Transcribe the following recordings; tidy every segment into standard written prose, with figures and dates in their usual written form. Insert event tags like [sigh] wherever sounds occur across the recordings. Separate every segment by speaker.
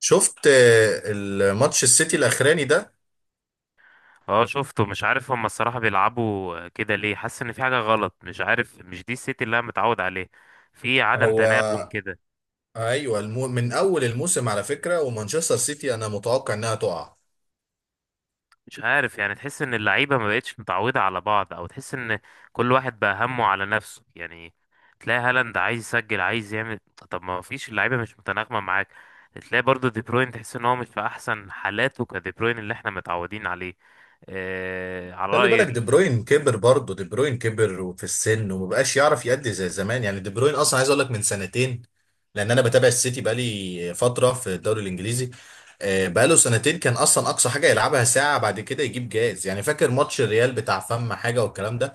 Speaker 1: شفت الماتش السيتي الاخراني ده.
Speaker 2: اه شفته، مش عارف هما الصراحة بيلعبوا كده ليه. حاسس ان في حاجة غلط، مش عارف، مش دي السيتي اللي انا متعود عليه. في عدم
Speaker 1: هو،
Speaker 2: تناغم كده.
Speaker 1: ايوه، من اول الموسم، على فكره، ومانشستر سيتي انا متوقع انها تقع.
Speaker 2: مش عارف يعني، تحس ان اللعيبة ما بقتش متعودة على بعض، او تحس ان كل واحد بقى همه على نفسه يعني. تلاقي هالاند عايز يسجل، عايز يعمل. طب ما فيش، اللعيبة مش متناغمة معاك. تلاقي برضو دي بروين، تحس ان هو مش في احسن حالاته، كدي بروين اللي احنا متعودين عليه. على
Speaker 1: خلي
Speaker 2: رأي.
Speaker 1: بالك، دي بروين كبر، برضه دي بروين كبر وفي السن، ومبقاش يعرف يأدي زي زمان، يعني دي بروين اصلا عايز اقول لك من سنتين، لان انا بتابع السيتي بقالي فتره في الدوري الانجليزي. بقاله سنتين كان اصلا اقصى حاجه يلعبها ساعه، بعد كده يجيب جاز، يعني فاكر ماتش الريال بتاع فم حاجه والكلام ده.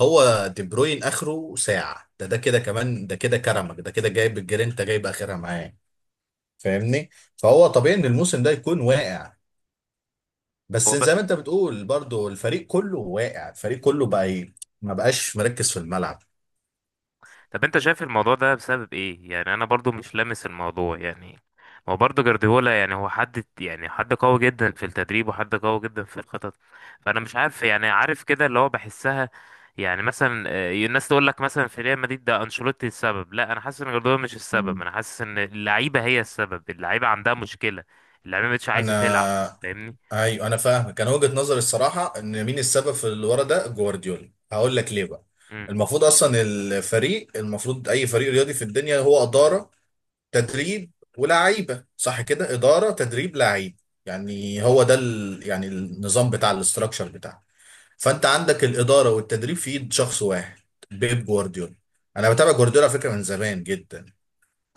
Speaker 1: هو دي بروين اخره ساعه، ده كده، كمان ده كده، كرمك ده كده، جايب الجرينتا، جايب اخرها معاه. فاهمني؟ فهو طبيعي ان الموسم ده يكون واقع. بس زي ما انت بتقول، برضو الفريق كله واقع، الفريق كله بقى ايه؟ ما بقاش مركز في الملعب.
Speaker 2: طب انت شايف الموضوع ده بسبب ايه يعني؟ انا برضو مش لامس الموضوع يعني. هو برضو جارديولا يعني، هو حد يعني، حد قوي جدا في التدريب وحد قوي جدا في الخطط. فانا مش عارف يعني، عارف كده اللي هو بحسها. يعني مثلا الناس تقول لك مثلا في ريال مدريد ده انشيلوتي السبب. لا، انا حاسس ان جارديولا مش السبب،
Speaker 1: مم.
Speaker 2: انا حاسس ان اللعيبه هي السبب. اللعيبه عندها مشكله، اللعيبه مش عايزه تلعب.
Speaker 1: انا
Speaker 2: فاهمني.
Speaker 1: ايوه، انا فاهم. كان وجهة نظري الصراحه ان مين السبب في اللي ورا ده؟ جوارديولا، هقول لك ليه بقى.
Speaker 2: مم.
Speaker 1: المفروض اصلا الفريق المفروض اي فريق رياضي في الدنيا هو اداره، تدريب، ولاعيبه. صح كده؟ اداره، تدريب، لعيب. يعني هو ده يعني النظام بتاع الاستراكشر بتاعه. فانت عندك الاداره والتدريب في ايد شخص واحد، بيب جوارديولا. انا بتابع جوارديولا على فكره من زمان جدا.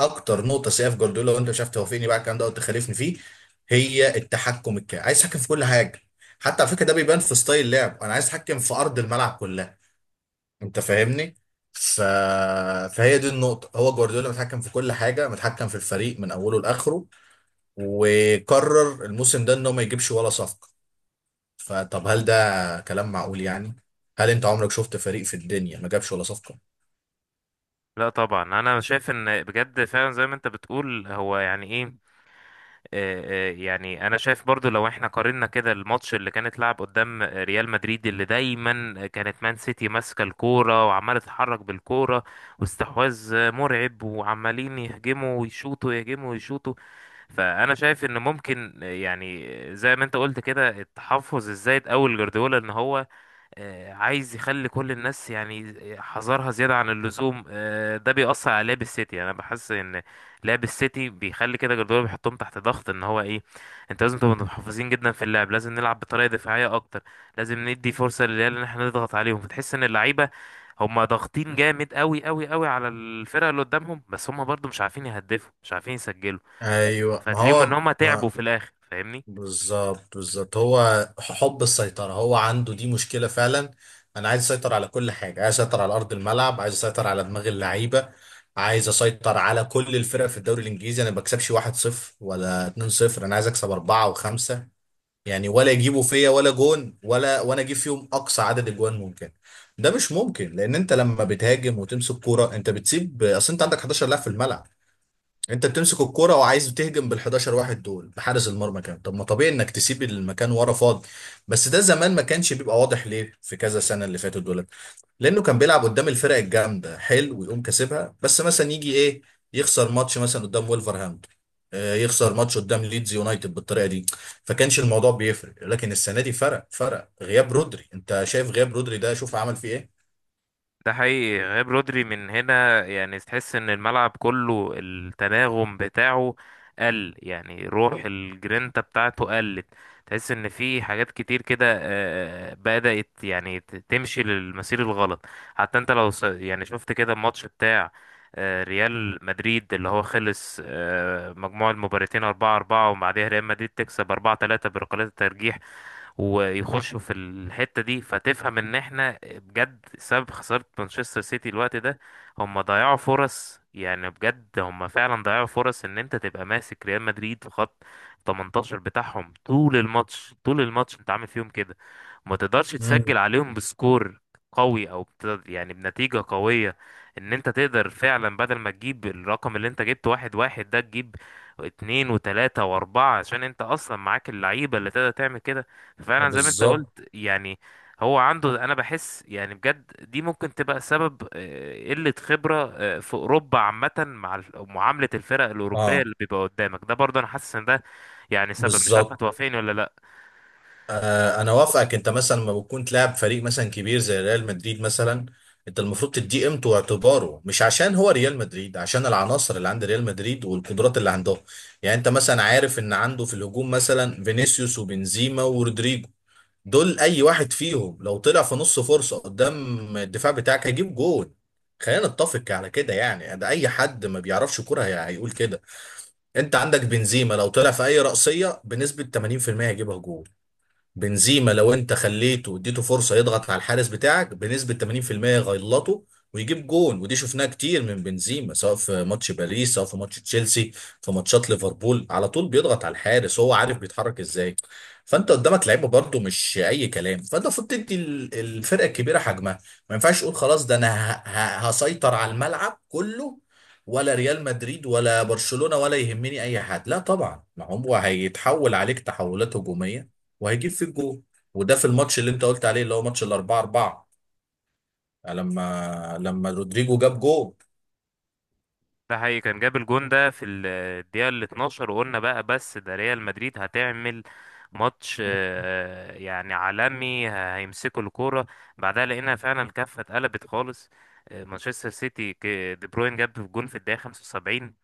Speaker 1: اكتر نقطه سيئه في جوارديولا، وانت شفت توافقني بقى على الكلام ده وتخالفني فيه، هي التحكم الكامل. عايز يتحكم في كل حاجه، حتى على فكره ده بيبان في ستايل لعب، انا عايز اتحكم في ارض الملعب كلها. انت فاهمني؟ ف... فهي دي النقطة. هو جوارديولا متحكم في كل حاجة، متحكم في الفريق من أوله لآخره، وقرر الموسم ده إنه ما يجيبش ولا صفقة. فطب هل ده كلام معقول يعني؟ هل أنت عمرك شفت فريق في الدنيا ما جابش ولا صفقة؟
Speaker 2: لا طبعا، انا شايف ان بجد فعلا زي ما انت بتقول هو يعني ايه، يعني انا شايف برضو لو احنا قارنا كده الماتش اللي كانت لعب قدام ريال مدريد، اللي دايما كانت مان سيتي ماسكه الكوره وعماله تتحرك بالكوره، واستحواذ مرعب، وعمالين يهجموا ويشوطوا، يهجموا ويشوطوا. فانا شايف ان ممكن، يعني زي ما انت قلت كده، التحفظ الزايد اول جوارديولا ان هو عايز يخلي كل الناس يعني حذرها زيادة عن اللزوم. ده بيأثر على لعب السيتي يعني. أنا بحس إن لعب السيتي بيخلي كده، جوارديولا بيحطهم تحت ضغط إن هو إيه، أنت لازم تبقى محافظين جدا في اللعب، لازم نلعب بطريقة دفاعية أكتر، لازم ندي فرصة للعيال إن إحنا نضغط عليهم. فتحس إن اللعيبة هما ضاغطين جامد، قوي قوي قوي على الفرقة اللي قدامهم، بس هما برضو مش عارفين يهدفوا، مش عارفين يسجلوا.
Speaker 1: ايوه، ما
Speaker 2: فتلاقيهم إن
Speaker 1: هو
Speaker 2: هما تعبوا
Speaker 1: ما
Speaker 2: في الآخر. فاهمني.
Speaker 1: بالظبط، بالظبط. هو حب السيطرة، هو عنده دي مشكلة فعلا. أنا عايز أسيطر على كل حاجة، عايز أسيطر على أرض الملعب، عايز أسيطر على دماغ اللعيبة، عايز أسيطر على كل الفرق في الدوري الإنجليزي. أنا ما بكسبش 1-0 ولا 2-0. أنا عايز أكسب أربعة وخمسة، يعني ولا يجيبوا فيا ولا جون، ولا وأنا أجيب فيهم أقصى عدد أجوان ممكن. ده مش ممكن، لأن أنت لما بتهاجم وتمسك كورة أنت بتسيب. أصل أنت عندك 11 لاعب في الملعب، انت بتمسك الكرة وعايز تهجم بال 11 واحد دول بحارس المرمى كان طب ما طبيعي انك تسيب المكان ورا فاضي. بس ده زمان ما كانش بيبقى واضح ليه، في كذا سنة اللي فاتت دولت، لانه كان بيلعب قدام الفرق الجامدة حلو ويقوم كاسبها. بس مثلا يجي ايه، يخسر ماتش مثلا قدام وولفرهامبتون، يخسر ماتش قدام ليدز يونايتد بالطريقة دي، فكانش الموضوع بيفرق. لكن السنة دي فرق، فرق غياب رودري. انت شايف غياب رودري ده شوف عمل فيه ايه.
Speaker 2: ده حقيقي، غياب رودري من هنا يعني، تحس ان الملعب كله التناغم بتاعه قل، يعني روح الجرينتا بتاعته قلت. تحس ان في حاجات كتير كده بدأت يعني تمشي للمسير الغلط. حتى انت لو يعني شفت كده الماتش بتاع ريال مدريد، اللي هو خلص مجموع المباراتين 4 4، وبعدها ريال مدريد تكسب 4 3 بركلات الترجيح، ويخشوا في الحتة دي. فتفهم ان احنا بجد سبب خسارة مانشستر سيتي الوقت ده، هم ضيعوا فرص يعني، بجد هم فعلا ضيعوا فرص. ان انت تبقى ماسك ريال مدريد في خط 18 بتاعهم طول الماتش، طول الماتش انت عامل فيهم كده، ما تقدرش
Speaker 1: مم.
Speaker 2: تسجل عليهم بسكور قوي او يعني بنتيجة قوية، ان انت تقدر فعلا بدل ما تجيب الرقم اللي انت جبته واحد واحد ده، تجيب اتنين وتلاتة واربعة، عشان انت اصلا معاك اللعيبة اللي تقدر تعمل كده. فعلا زي ما انت
Speaker 1: بالظبط.
Speaker 2: قلت يعني. هو عنده، انا بحس يعني بجد، دي ممكن تبقى سبب، قلة خبرة في اوروبا عامة مع معاملة الفرق الاوروبية
Speaker 1: اه،
Speaker 2: اللي بيبقى قدامك ده. برضه انا حاسس ان ده يعني سبب، مش عارف
Speaker 1: بالظبط.
Speaker 2: هتوافقني ولا لا.
Speaker 1: انا وافقك. انت مثلا لما بتكون تلاعب فريق مثلا كبير زي ريال مدريد مثلا، انت المفروض تديه قيمته واعتباره. مش عشان هو ريال مدريد، عشان العناصر اللي عند ريال مدريد والقدرات اللي عندهم. يعني انت مثلا عارف ان عنده في الهجوم مثلا فينيسيوس وبنزيما ورودريجو، دول اي واحد فيهم لو طلع في نص فرصة قدام الدفاع بتاعك هيجيب جول. خلينا نتفق على كده يعني، ده اي حد ما بيعرفش كرة هيقول كده. انت عندك بنزيما لو طلع في اي رأسية بنسبة 80% هيجيبها جول. بنزيما لو انت خليته واديته فرصه يضغط على الحارس بتاعك بنسبه 80% يغلطه ويجيب جون. ودي شفناها كتير من بنزيما، سواء في ماتش باريس، سواء في ماتش تشيلسي، في ماتشات ليفربول على طول بيضغط على الحارس، هو عارف بيتحرك ازاي. فانت قدامك لعيبه برضو مش اي كلام، فانت المفروض تدي الفرقه الكبيره حجمها. ما ينفعش تقول خلاص ده انا هسيطر على الملعب كله، ولا ريال مدريد ولا برشلونه ولا يهمني اي حد. لا طبعا، ما هو هيتحول عليك تحولات هجوميه وهيجيب فيك جول. وده في الماتش اللي انت قلت عليه، اللي هو ماتش الاربعة اربعة، لما رودريجو جاب جول.
Speaker 2: ده حقيقي، كان جاب الجون ده في الدقيقة ال 12، وقلنا بقى بس ده ريال مدريد هتعمل ماتش يعني عالمي، هيمسكوا الكورة. بعدها لقينا فعلا الكفة اتقلبت خالص. مانشستر سيتي، دي بروين جاب الجون في الدقيقة 75،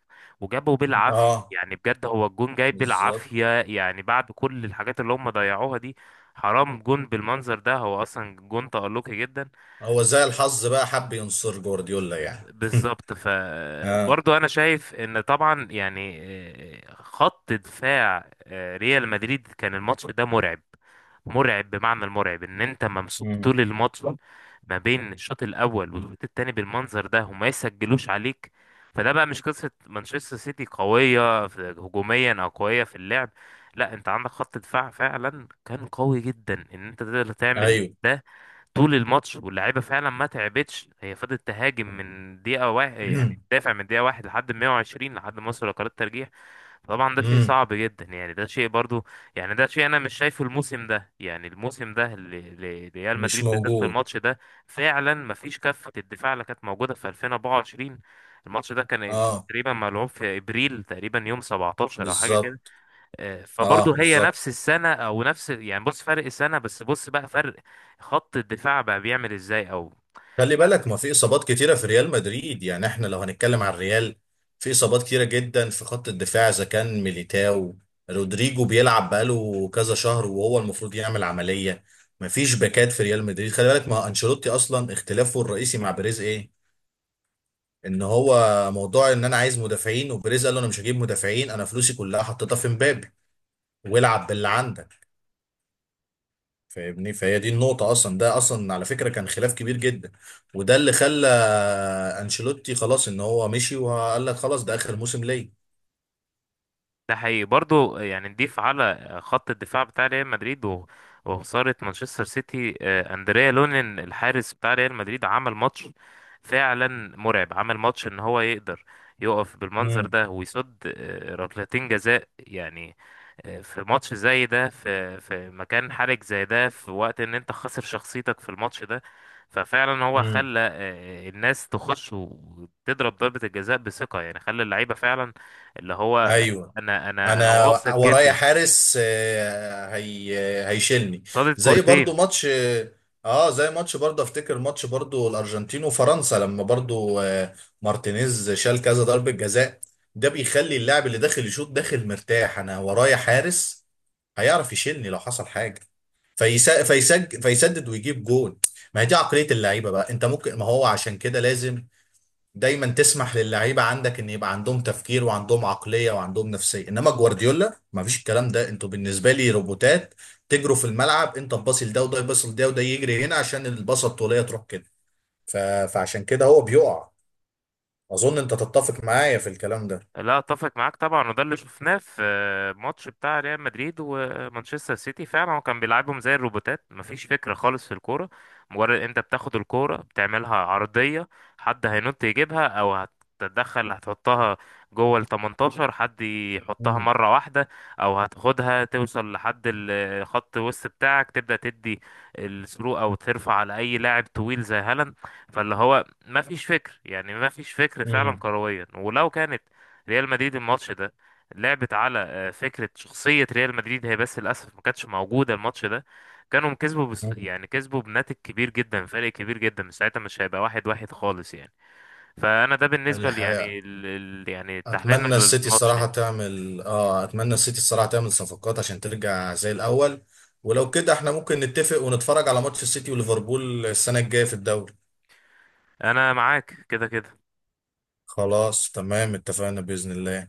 Speaker 2: وجابه بالعافية
Speaker 1: اه،
Speaker 2: يعني، بجد هو الجون جاي
Speaker 1: بالظبط.
Speaker 2: بالعافية يعني، بعد كل الحاجات اللي هم ضيعوها دي. حرام جون بالمنظر ده، هو أصلا جون تألقي جدا.
Speaker 1: هو زي الحظ بقى حب ينصر جوارديولا يعني [laughs]
Speaker 2: بالظبط.
Speaker 1: اه.
Speaker 2: فبرضه انا شايف ان طبعا يعني خط دفاع ريال مدريد كان الماتش ده مرعب. مرعب بمعنى المرعب، ان انت ممسوك
Speaker 1: مم.
Speaker 2: طول الماتش ما بين الشوط الاول والشوط التاني بالمنظر ده وما يسجلوش عليك. فده بقى مش قصة مانشستر سيتي قوية هجوميا او قوية في اللعب، لا، انت عندك خط دفاع فعلا كان قوي جدا ان انت تقدر تعمل
Speaker 1: ايوه.
Speaker 2: ده طول الماتش. واللعيبه فعلا ما تعبتش، هي فضلت تهاجم من دقيقه واحد، يعني
Speaker 1: [clears throat]
Speaker 2: تدافع من دقيقه واحد لحد 120، لحد ما وصلوا لقرار الترجيح. طبعا ده شيء
Speaker 1: مم.
Speaker 2: صعب جدا يعني، ده شيء برضو، يعني ده شيء انا مش شايفه الموسم ده، يعني الموسم ده لريال
Speaker 1: مش
Speaker 2: مدريد بالذات في
Speaker 1: موجود.
Speaker 2: الماتش ده، فعلا ما فيش كفه الدفاع اللي كانت موجوده في 2024. الماتش ده كان
Speaker 1: اه،
Speaker 2: تقريبا ملعوب في ابريل، تقريبا يوم 17 او حاجه
Speaker 1: بالظبط.
Speaker 2: كده. فبرضه
Speaker 1: اه،
Speaker 2: هي
Speaker 1: بالظبط.
Speaker 2: نفس السنة، أو نفس يعني، بص فرق السنة، بس بص بقى فرق خط الدفاع بقى بيعمل إزاي أو.
Speaker 1: خلي بالك ما في اصابات كتيره في ريال مدريد، يعني احنا لو هنتكلم عن الريال، في اصابات كتيره جدا في خط الدفاع. اذا كان ميليتاو، رودريجو بيلعب بقاله كذا شهر وهو المفروض يعمل عمليه. ما فيش باكات في ريال مدريد. خلي بالك ما انشيلوتي اصلا اختلافه الرئيسي مع بيريز ايه؟ ان هو موضوع ان انا عايز مدافعين، وبيريز قال له انا مش هجيب مدافعين، انا فلوسي كلها حطيتها في مبابي والعب باللي عندك. فاهمني؟ فهي دي النقطة أصلا. ده أصلا على فكرة كان خلاف كبير جدا، وده اللي خلى أنشيلوتي خلاص إن هو مشي وقال لك خلاص ده آخر موسم ليا.
Speaker 2: ده حقيقي برضو، يعني نضيف على خط الدفاع بتاع ريال مدريد وخسارة مانشستر سيتي، أندريا لونين الحارس بتاع ريال مدريد عمل ماتش فعلا مرعب، عمل ماتش ان هو يقدر يقف بالمنظر
Speaker 1: امم.
Speaker 2: ده ويصد ركلتين جزاء يعني في ماتش زي ده، في في مكان حرج زي ده، في وقت ان انت خسر شخصيتك في الماتش ده. ففعلا هو
Speaker 1: امم.
Speaker 2: خلى الناس تخش وتضرب ضربة الجزاء بثقة يعني، خلى اللعيبة فعلا اللي هو
Speaker 1: ايوه.
Speaker 2: انا
Speaker 1: انا
Speaker 2: واثق
Speaker 1: ورايا
Speaker 2: جدا،
Speaker 1: حارس. آه، هي هيشيلني.
Speaker 2: صادت
Speaker 1: زي
Speaker 2: كورتين.
Speaker 1: برضو ماتش اه زي ماتش برضو افتكر ماتش برضو الارجنتين وفرنسا لما برضو مارتينيز شال كذا ضربة جزاء. ده بيخلي اللاعب اللي داخل يشوط داخل مرتاح، انا ورايا حارس هيعرف يشيلني لو حصل حاجة، فيسا- فيسج فيسدد ويجيب جون. ما هي دي عقلية اللعيبة بقى. انت ممكن ما هو عشان كده لازم دايما تسمح للعيبة عندك ان يبقى عندهم تفكير وعندهم عقلية وعندهم نفسية. انما جوارديولا ما فيش الكلام ده، انتوا بالنسبة لي روبوتات، تجروا في الملعب، انت تباصي لده وده يباصي لده وده يجري هنا عشان الباصة الطولية تروح كده. ف... فعشان كده هو بيقع. اظن انت تتفق معايا في الكلام ده.
Speaker 2: لا اتفق معاك طبعا، وده اللي شفناه في ماتش بتاع ريال مدريد ومانشستر سيتي. فعلا هو كان بيلعبهم زي الروبوتات، مفيش فكرة خالص في الكورة. مجرد انت بتاخد الكورة بتعملها عرضية، حد هينط يجيبها، او هتتدخل هتحطها جوه ال 18، حد يحطها
Speaker 1: مم.
Speaker 2: مرة واحدة. او هتاخدها توصل لحد خط الوسط بتاعك، تبدأ تدي الثرو، او ترفع على اي لاعب طويل زي هالاند. فاللي هو ما فيش فكر يعني، ما فيش فكر فعلا
Speaker 1: مم.
Speaker 2: كرويا. ولو كانت ريال مدريد الماتش ده لعبت على فكرة شخصية ريال مدريد هي، بس للأسف ما كانتش موجودة الماتش ده، كانوا كسبوا، بس
Speaker 1: مم.
Speaker 2: يعني كسبوا بناتج كبير جدا، فرق كبير جدا، من ساعتها مش هيبقى واحد واحد خالص يعني. فأنا ده بالنسبة يعني
Speaker 1: الحقيقة،
Speaker 2: يعني تحليلنا للماتش يعني.
Speaker 1: اتمنى السيتي الصراحه تعمل صفقات عشان ترجع زي الاول. ولو كده احنا ممكن نتفق ونتفرج على ماتش السيتي وليفربول السنه الجايه في الدوري.
Speaker 2: أنا معاك كده كده.
Speaker 1: خلاص تمام، اتفقنا باذن الله.